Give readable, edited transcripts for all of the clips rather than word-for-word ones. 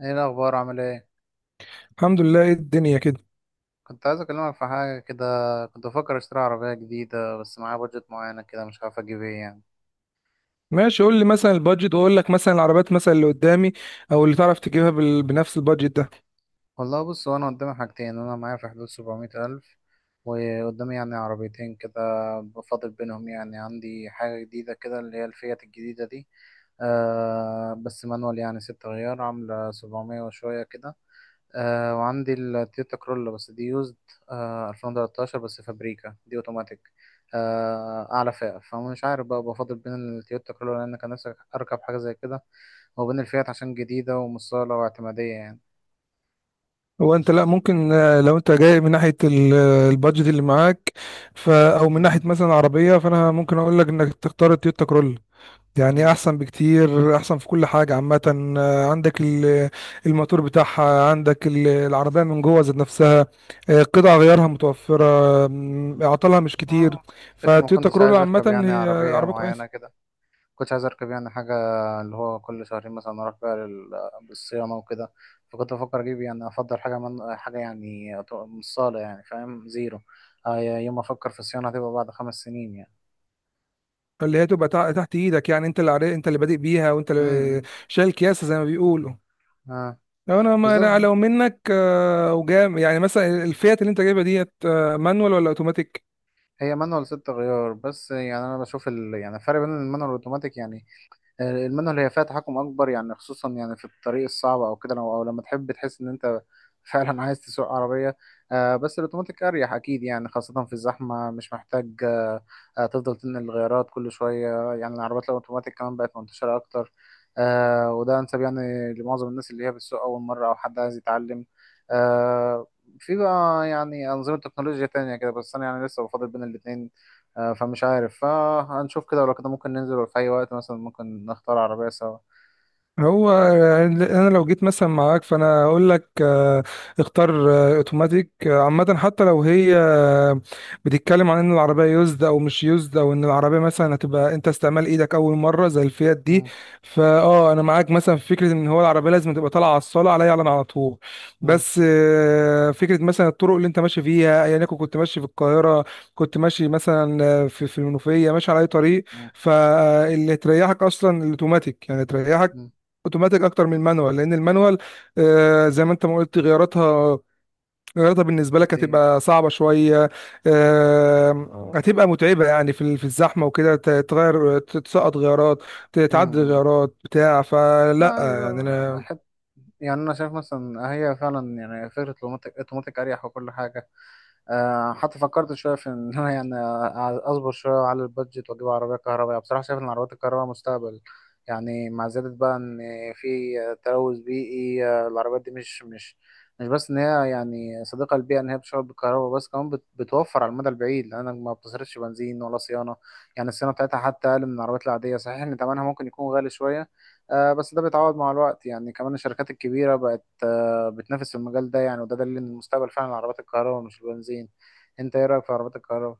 ايه الاخبار عامل ايه؟ الحمد لله، ايه الدنيا كده. كنت عايز اكلمك في حاجه كده. كنت بفكر اشتري عربيه جديده، بس معايا بادجت معينه كده مش عارف اجيب ايه يعني. ماشي، قول لي مثلا البادجت واقول لك مثلا العربيات مثلا اللي قدامي او اللي تعرف تجيبها بنفس البادجت ده. والله بص، هو انا قدامي حاجتين، انا معايا في حدود 700 الف وقدامي يعني عربيتين كده، بفاضل بينهم. يعني عندي حاجه جديده كده اللي هي الفيات الجديده دي، بس مانوال يعني 6 غيار عامله 700 وشويه كده. وعندي التويوتا كرولا بس دي يوزد، 2013، بس فابريكا دي اوتوماتيك، اعلى فئة. فمش عارف بقى بفضل بين التويوتا كرولا لان كان نفسي اركب حاجة زي كده، وبين الفيات عشان جديدة ومصالة واعتمادية يعني. هو انت لا ممكن لو انت جاي من ناحيه البادجت اللي معاك او من ناحيه مم. مثلا عربيه، فانا ممكن اقول لك انك تختار التويوتا كرولا. يعني مم. احسن بكتير، احسن في كل حاجه عامه. عندك الموتور بتاعها، عندك العربيه من جوه ذات نفسها. قطع غيارها متوفره. اعطالها مش كتير. آه، فكرة ما فتويوتا كنتش كرولا عايز عامه اركب يعني هي عربية عربيه معينة كويسه. كده، كنتش عايز اركب يعني حاجه اللي هو كل شهرين مثلا اروح بقى للصيانه وكده. فكنت بفكر اجيب يعني افضل حاجه من حاجه، يعني من الصاله، يعني فاهم زيرو. آه، يوم ما افكر في الصيانه هتبقى بعد 5 سنين يعني. اللي هي تبقى تحت ايدك، يعني انت اللي عارف، انت اللي بادئ بيها، وانت اللي امم. شايل كياسه زي ما بيقولوا. اه، لو انا ما أنا بالظبط. لو منك وجام يعني مثلا، الفيات اللي انت جايبها ديت مانوال ولا اوتوماتيك؟ هي مانوال 6 غيار، بس يعني انا بشوف يعني الفرق بين المانوال والاوتوماتيك يعني. المانوال هي فيها تحكم اكبر، يعني خصوصا يعني في الطريق الصعب او كده، أو لما تحب تحس ان انت فعلا عايز تسوق عربيه. آه، بس الاوتوماتيك اريح اكيد يعني، خاصه في الزحمه مش محتاج، تفضل تنقل الغيارات كل شويه. يعني العربيات الاوتوماتيك كمان بقت منتشره اكتر، آه، وده انسب يعني لمعظم الناس اللي هي بتسوق اول مره او حد عايز يتعلم. آه، في بقى يعني انظمه تكنولوجيا تانية كده، بس انا يعني لسه بفضل بين الاتنين. آه، فمش عارف، فهنشوف كده ولو كده ممكن ننزل في أي وقت مثلا، ممكن نختار عربية سوا. هو يعني انا لو جيت مثلا معاك، فانا اقول لك اختار اوتوماتيك عامه، حتى لو هي بتتكلم عن ان العربيه يوزد او مش يوزد، او ان العربيه مثلا هتبقى انت استعمال ايدك اول مره زي الفيات دي. مم، فاه انا معاك مثلا في فكره ان هو العربيه لازم تبقى طالعه على الصاله، عليا، على طول. مم، بس فكره مثلا الطرق اللي انت ماشي فيها، ايا يكن، كنت ماشي في القاهره، كنت ماشي مثلا في المنوفيه، ماشي على اي طريق، مم، فاللي تريحك اصلا الاوتوماتيك. يعني تريحك مم، اوتوماتيك اكتر من المانوال، لان المانوال زي ما انت ما قلت، غياراتها بالنسبه لك كتير. هتبقى صعبه شويه. هتبقى متعبه يعني في في الزحمه وكده، تغير، تسقط غيارات، مم. تعدل مم. غيارات بتاع لا، فلا عادي بقى يعني. أحب. يعني أنا شايف مثلا هي فعلا يعني فكرة الأوتوماتيك، أوتوماتيك أريح وكل حاجة. آه، حتى فكرت شويه في ان انا يعني اصبر شويه على البادجت واجيب عربيه كهربائيه. بصراحه شايف ان العربيات الكهربائيه مستقبل يعني، مع زياده بقى ان في تلوث بيئي. آه، العربيات دي مش بس ان هي يعني صديقه للبيئه، ان هي بتشتغل بالكهرباء، بس كمان بتوفر على المدى البعيد لانك ما بتصرفش بنزين ولا صيانه. يعني الصيانه بتاعتها حتى اقل من العربيات العاديه. صحيح ان ثمنها ممكن يكون غالي شويه، آه، بس ده بيتعوض مع الوقت. يعني كمان الشركات الكبيره بقت بتنافس في المجال ده يعني، وده دليل ان المستقبل فعلا عربات الكهرباء مش البنزين. انت ايه رايك في عربات الكهرباء؟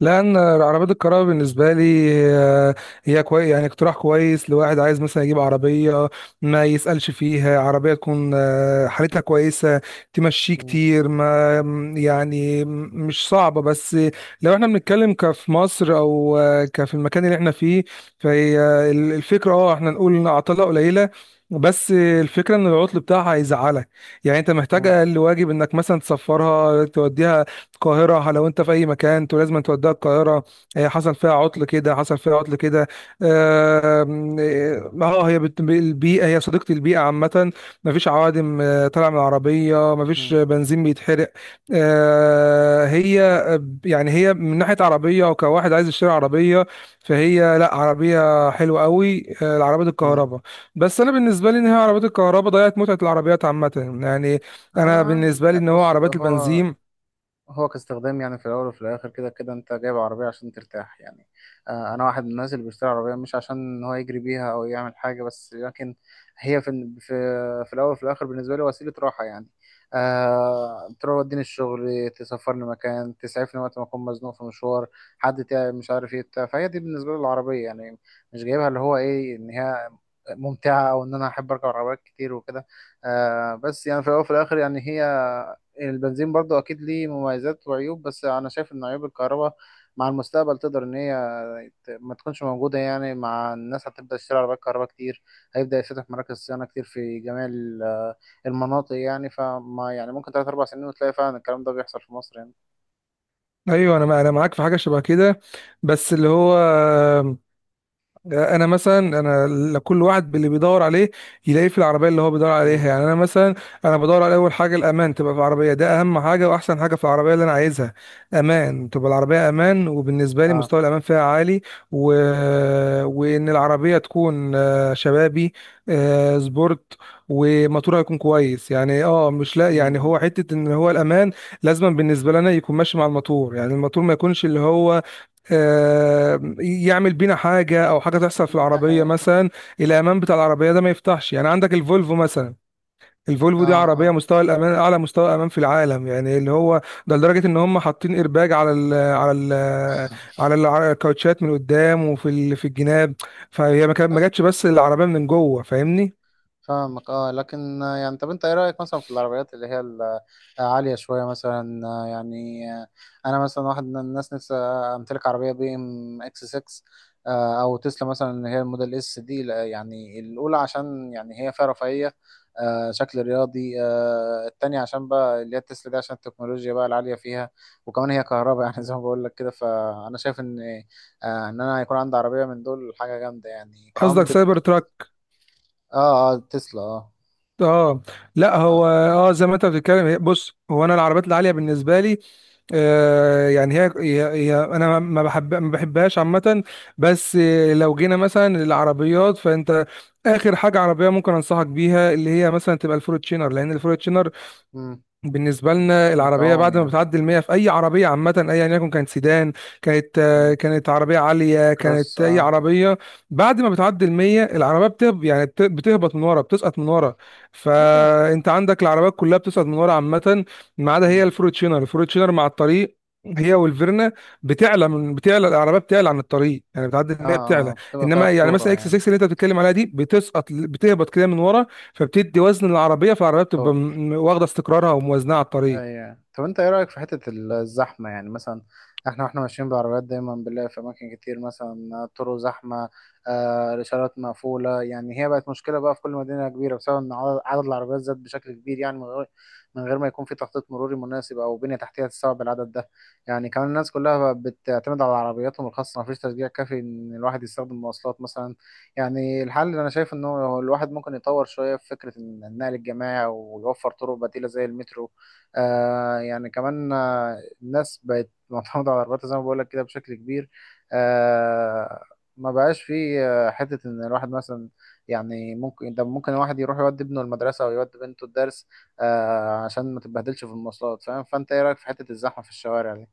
لان عربيات الكهرباء بالنسبه لي آه، هي كويس، يعني اقتراح كويس لواحد عايز مثلا يجيب عربيه ما يسالش فيها، عربيه تكون حالتها كويسه، تمشي مم. كتير، ما م- يعني مش صعبه. بس لو احنا بنتكلم كفي مصر او كفي المكان اللي احنا فيه، فهي الفكره، اه، احنا نقول ان عطلها قليله، بس الفكره ان العطل بتاعها هيزعلك. يعني انت محتاج مم. اقل واجب انك مثلا تسفرها، توديها القاهرة. لو انت في اي مكان، انتوا لازم توديها القاهرة. هي حصل فيها عطل كده، حصل فيها عطل كده. آم، اه آه، هي البيئة، هي صديقة البيئة عامة. مفيش عوادم طالعة من العربية، مفيش مم. بنزين بيتحرق. آه، هي يعني هي من ناحية عربية، وكواحد عايز يشتري عربية، فهي لا، عربية حلوة قوي العربية مم. الكهرباء. بس انا بالنسبة لي، ان هي عربية الكهرباء ضيعت متعة العربيات عامة. يعني اه، انا عادي. بالنسبة لي ان هو بص، عربيات هو البنزين. هو كاستخدام يعني في الاول وفي الاخر كده كده انت جايب عربيه عشان ترتاح يعني. آه، انا واحد من الناس اللي بيشتري عربيه مش عشان ان هو يجري بيها او يعمل حاجه، بس لكن هي في الاول وفي الاخر بالنسبه لي وسيله راحه يعني. أه، توديني الشغل، تسافرني مكان، تسعفني وقت ما اكون مزنوق في مشوار، حد تعب مش عارف ايه بتاع. فهي دي بالنسبه لي العربيه يعني، مش جايبها اللي هو ايه ان هي ممتعه، او ان انا احب اركب عربيات كتير وكده. أه، بس يعني في الاول وفي الاخر يعني هي البنزين برضو اكيد ليه مميزات وعيوب، بس انا شايف ان عيوب الكهرباء مع المستقبل تقدر ان هي ما تكونش موجودة. يعني مع الناس هتبدأ تشتري عربيات كهرباء كتير، هيبدأ يفتح مراكز صيانة كتير في جميع المناطق. يعني، فما يعني ممكن تلات أربع سنين وتلاقي فعلا الكلام ده بيحصل في مصر يعني. ايوه، انا معاك في حاجه شبه كده، بس اللي هو انا مثلا، انا كل واحد باللي بيدور عليه يلاقيه في العربيه اللي هو بيدور امم. عليها. يعني انا مثلا انا بدور على اول حاجه الامان، تبقى في العربيه، ده اهم حاجه واحسن حاجه في العربيه اللي انا عايزها. امان، تبقى العربيه امان، وبالنسبه لي اه. مستوى الامان فيها عالي. و... وان العربيه تكون شبابي، سبورت، وموتورها يكون كويس. يعني اه مش لا، يعني امم. هو حته ان هو الامان لازما بالنسبه لنا يكون ماشي مع الموتور، يعني الموتور ما يكونش اللي هو يعمل بينا حاجه، او حاجه تحصل في ده العربيه حقيقي. مثلا الامان بتاع العربيه ده ما يفتحش. يعني عندك الفولفو مثلا، الفولفو دي عربيه اه. مستوى الامان اعلى مستوى امان في العالم، يعني اللي هو ده لدرجه ان هم حاطين ايرباج على على الكاوتشات من قدام، وفي في الجناب. فهي اه، ما جاتش بس العربيه من جوه، فاهمني؟ فاهمك. اه، لكن آه، يعني طب انت ايه رأيك مثلا في العربيات اللي هي العالية شوية مثلا؟ آه، يعني آه، انا مثلا واحد من الناس نفسي امتلك عربية بي ام اكس 6، آه، او تسلا مثلا اللي هي الموديل اس دي. لا، يعني الاولى عشان يعني هي فيها رفاهية، آه، شكل رياضي. آه، التانية عشان بقى اللي هي التسلا دي عشان التكنولوجيا بقى العالية فيها، وكمان هي كهرباء يعني زي ما بقول لك كده، فانا شايف ان آه، ان انا يكون عندي عربية من دول حاجة جامدة يعني، كمان قصدك بت سايبر بت تراك؟ اه. اه، تسلا. اه. اه لا، آه. هو اه زي ما انت بتتكلم، بص، هو انا العربيات العاليه بالنسبه لي يعني هي انا ما بحبهاش عامه. بس لو جينا مثلا للعربيات، فانت اخر حاجه عربيه ممكن انصحك بيها اللي هي مثلا تبقى الفورتشينر، لان الفورتشينر مم. بالنسبة لنا العربية بتعوم بعد ما يعني. بتعدي المية في أي عربية عامة، أيا يكن كانت سيدان، كانت مم. كانت عربية عالية، كروس، كانت أي اه. عربية، بعد ما بتعدي المية العربية بتهب، يعني بتهبط من ورا، بتسقط من ورا. ايوه. فأنت عندك العربيات كلها بتسقط من ورا عامة، ما عدا هي مم. الفروتشينر. الفروتشينر مع الطريق، هي والفيرنا، بتعلى العربيه، بتعلى عن الطريق. يعني بتعدي اه. المية اه، بتعلى. بتبقى فيها انما يعني مثلا اكس خطورة 6 اللي انت بتتكلم عليها دي بتسقط، بتهبط كده من ورا، فبتدي وزن للعربيه، فالعربيه بتبقى يعني. واخده استقرارها وموازنها على الطريق. ايوه، طب انت ايه رايك في حته الزحمه يعني؟ مثلا احنا واحنا ماشيين بالعربيات دايما بنلاقي في اماكن كتير مثلا طرق زحمه، آه، الاشارات مقفوله. يعني هي بقت مشكله بقى في كل مدينه كبيره، بسبب ان عدد العربيات زاد بشكل كبير، يعني من غير ما يكون في تخطيط مروري مناسب او بنيه تحتيه تستوعب العدد ده. يعني كمان الناس كلها بقت بتعتمد على عربياتهم الخاصه، مفيش تشجيع كافي ان الواحد يستخدم مواصلات مثلا. يعني الحل اللي انا شايف انه الواحد ممكن يطور شويه في فكره النقل الجماعي ويوفر طرق بديله زي المترو. آه، يعني كمان آه، الناس بقت معتمدة على العربيات زي ما بقولك كده بشكل كبير. آه، ما بقاش في آه، حتة إن الواحد مثلا، يعني ممكن ده ممكن الواحد يروح يودي ابنه المدرسة أو يودي بنته الدرس، آه، عشان ما تتبهدلش في المواصلات فاهم. فأنت إيه رأيك في حتة الزحمة في الشوارع دي؟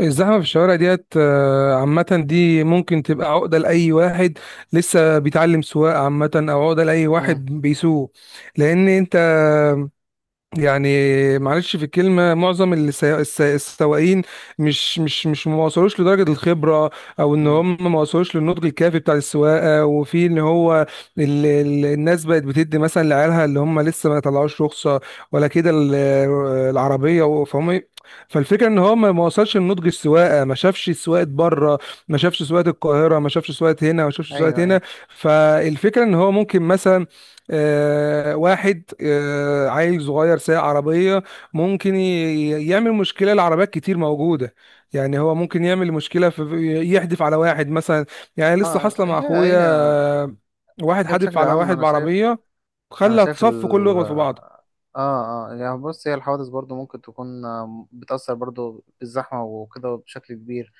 الزحمه في الشوارع ديت عامه دي ممكن تبقى عقده لاي واحد لسه بيتعلم سواقه عامه، او عقده لاي مم. واحد بيسوق. لان انت يعني معلش في الكلمة، معظم اللي السواقين مش ما وصلوش لدرجة الخبرة، او ان مم. هم ما وصلوش للنضج الكافي بتاع السواقة. وفي ان هو ال ال الناس بقت بتدي مثلا لعيالها اللي هم لسه ما طلعوش رخصة ولا كده العربية، فهم فالفكرة ان هو ما ما وصلش لنضج السواقة، ما شافش سواقة بره، ما شافش سواقة القاهرة، ما شافش سواقة هنا، ما شافش أيوه، سواقة هنا. أيوه. فالفكرة ان هو ممكن مثلا واحد عيل صغير سايق عربية، ممكن يعمل مشكلة لعربيات كتير موجودة. يعني هو ممكن يعمل مشكلة في يحدف على واحد مثلا، يعني لسه آه، حاصلة لا، مع هي أخويا هي آه، واحد هي حادف بشكل على عام واحد أنا شايف، بعربية، أنا خلى شايف الصف كله يخبط في بعضه. اه، اه، يعني بص، هي الحوادث برضو ممكن تكون آه، بتأثر برضو بالزحمة وكده بشكل كبير.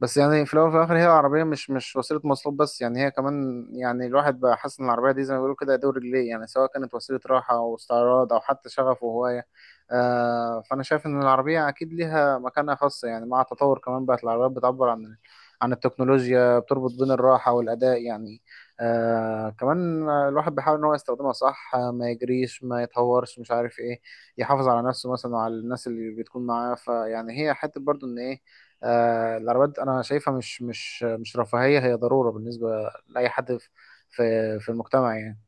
بس يعني في الاول وفي الاخر هي عربيه مش وسيله مواصلات بس، يعني هي كمان يعني الواحد بقى حاسس ان العربيه دي زي ما بيقولوا كده دور رجليه، يعني سواء كانت وسيله راحه او استعراض او حتى شغف وهوايه. آه، فانا شايف ان العربيه اكيد ليها مكانة خاصه، يعني مع التطور كمان بقت العربيات بتعبر عن التكنولوجيا، بتربط بين الراحه والاداء يعني. آه، كمان الواحد بيحاول ان هو يستخدمها صح، آه، ما يجريش ما يتهورش مش عارف ايه، يحافظ على نفسه مثلا وعلى الناس اللي بتكون معاه. فيعني هي حته برضو ان ايه آه، العربيات انا شايفها مش رفاهية، هي ضرورة بالنسبة لأي حد في في المجتمع يعني.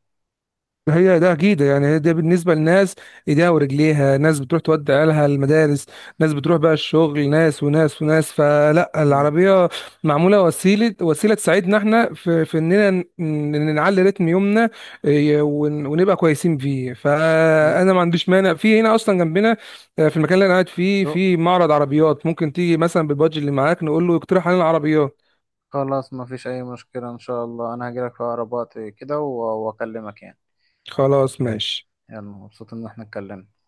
هي ده اكيد، يعني هي ده بالنسبه لناس ايديها ورجليها. ناس بتروح تودي عيالها المدارس، ناس بتروح بقى الشغل، ناس وناس وناس، فلا مم. العربيه معموله وسيله، تساعدنا احنا في، اننا نعلي رتم يومنا إيه، ونبقى كويسين فيه. مم. فانا ما عنديش مانع، في هنا اصلا جنبنا في المكان اللي انا قاعد فيه تو- في معرض عربيات، ممكن تيجي مثلا بالبادج اللي معاك، نقول له يقترح علينا عربيات. خلاص ما فيش اي مشكلة. ان شاء الله انا هجيلك في اقرب وقت كده واكلمك يعني. خلاص ماشي. يلا، مبسوط ان احنا اتكلمنا.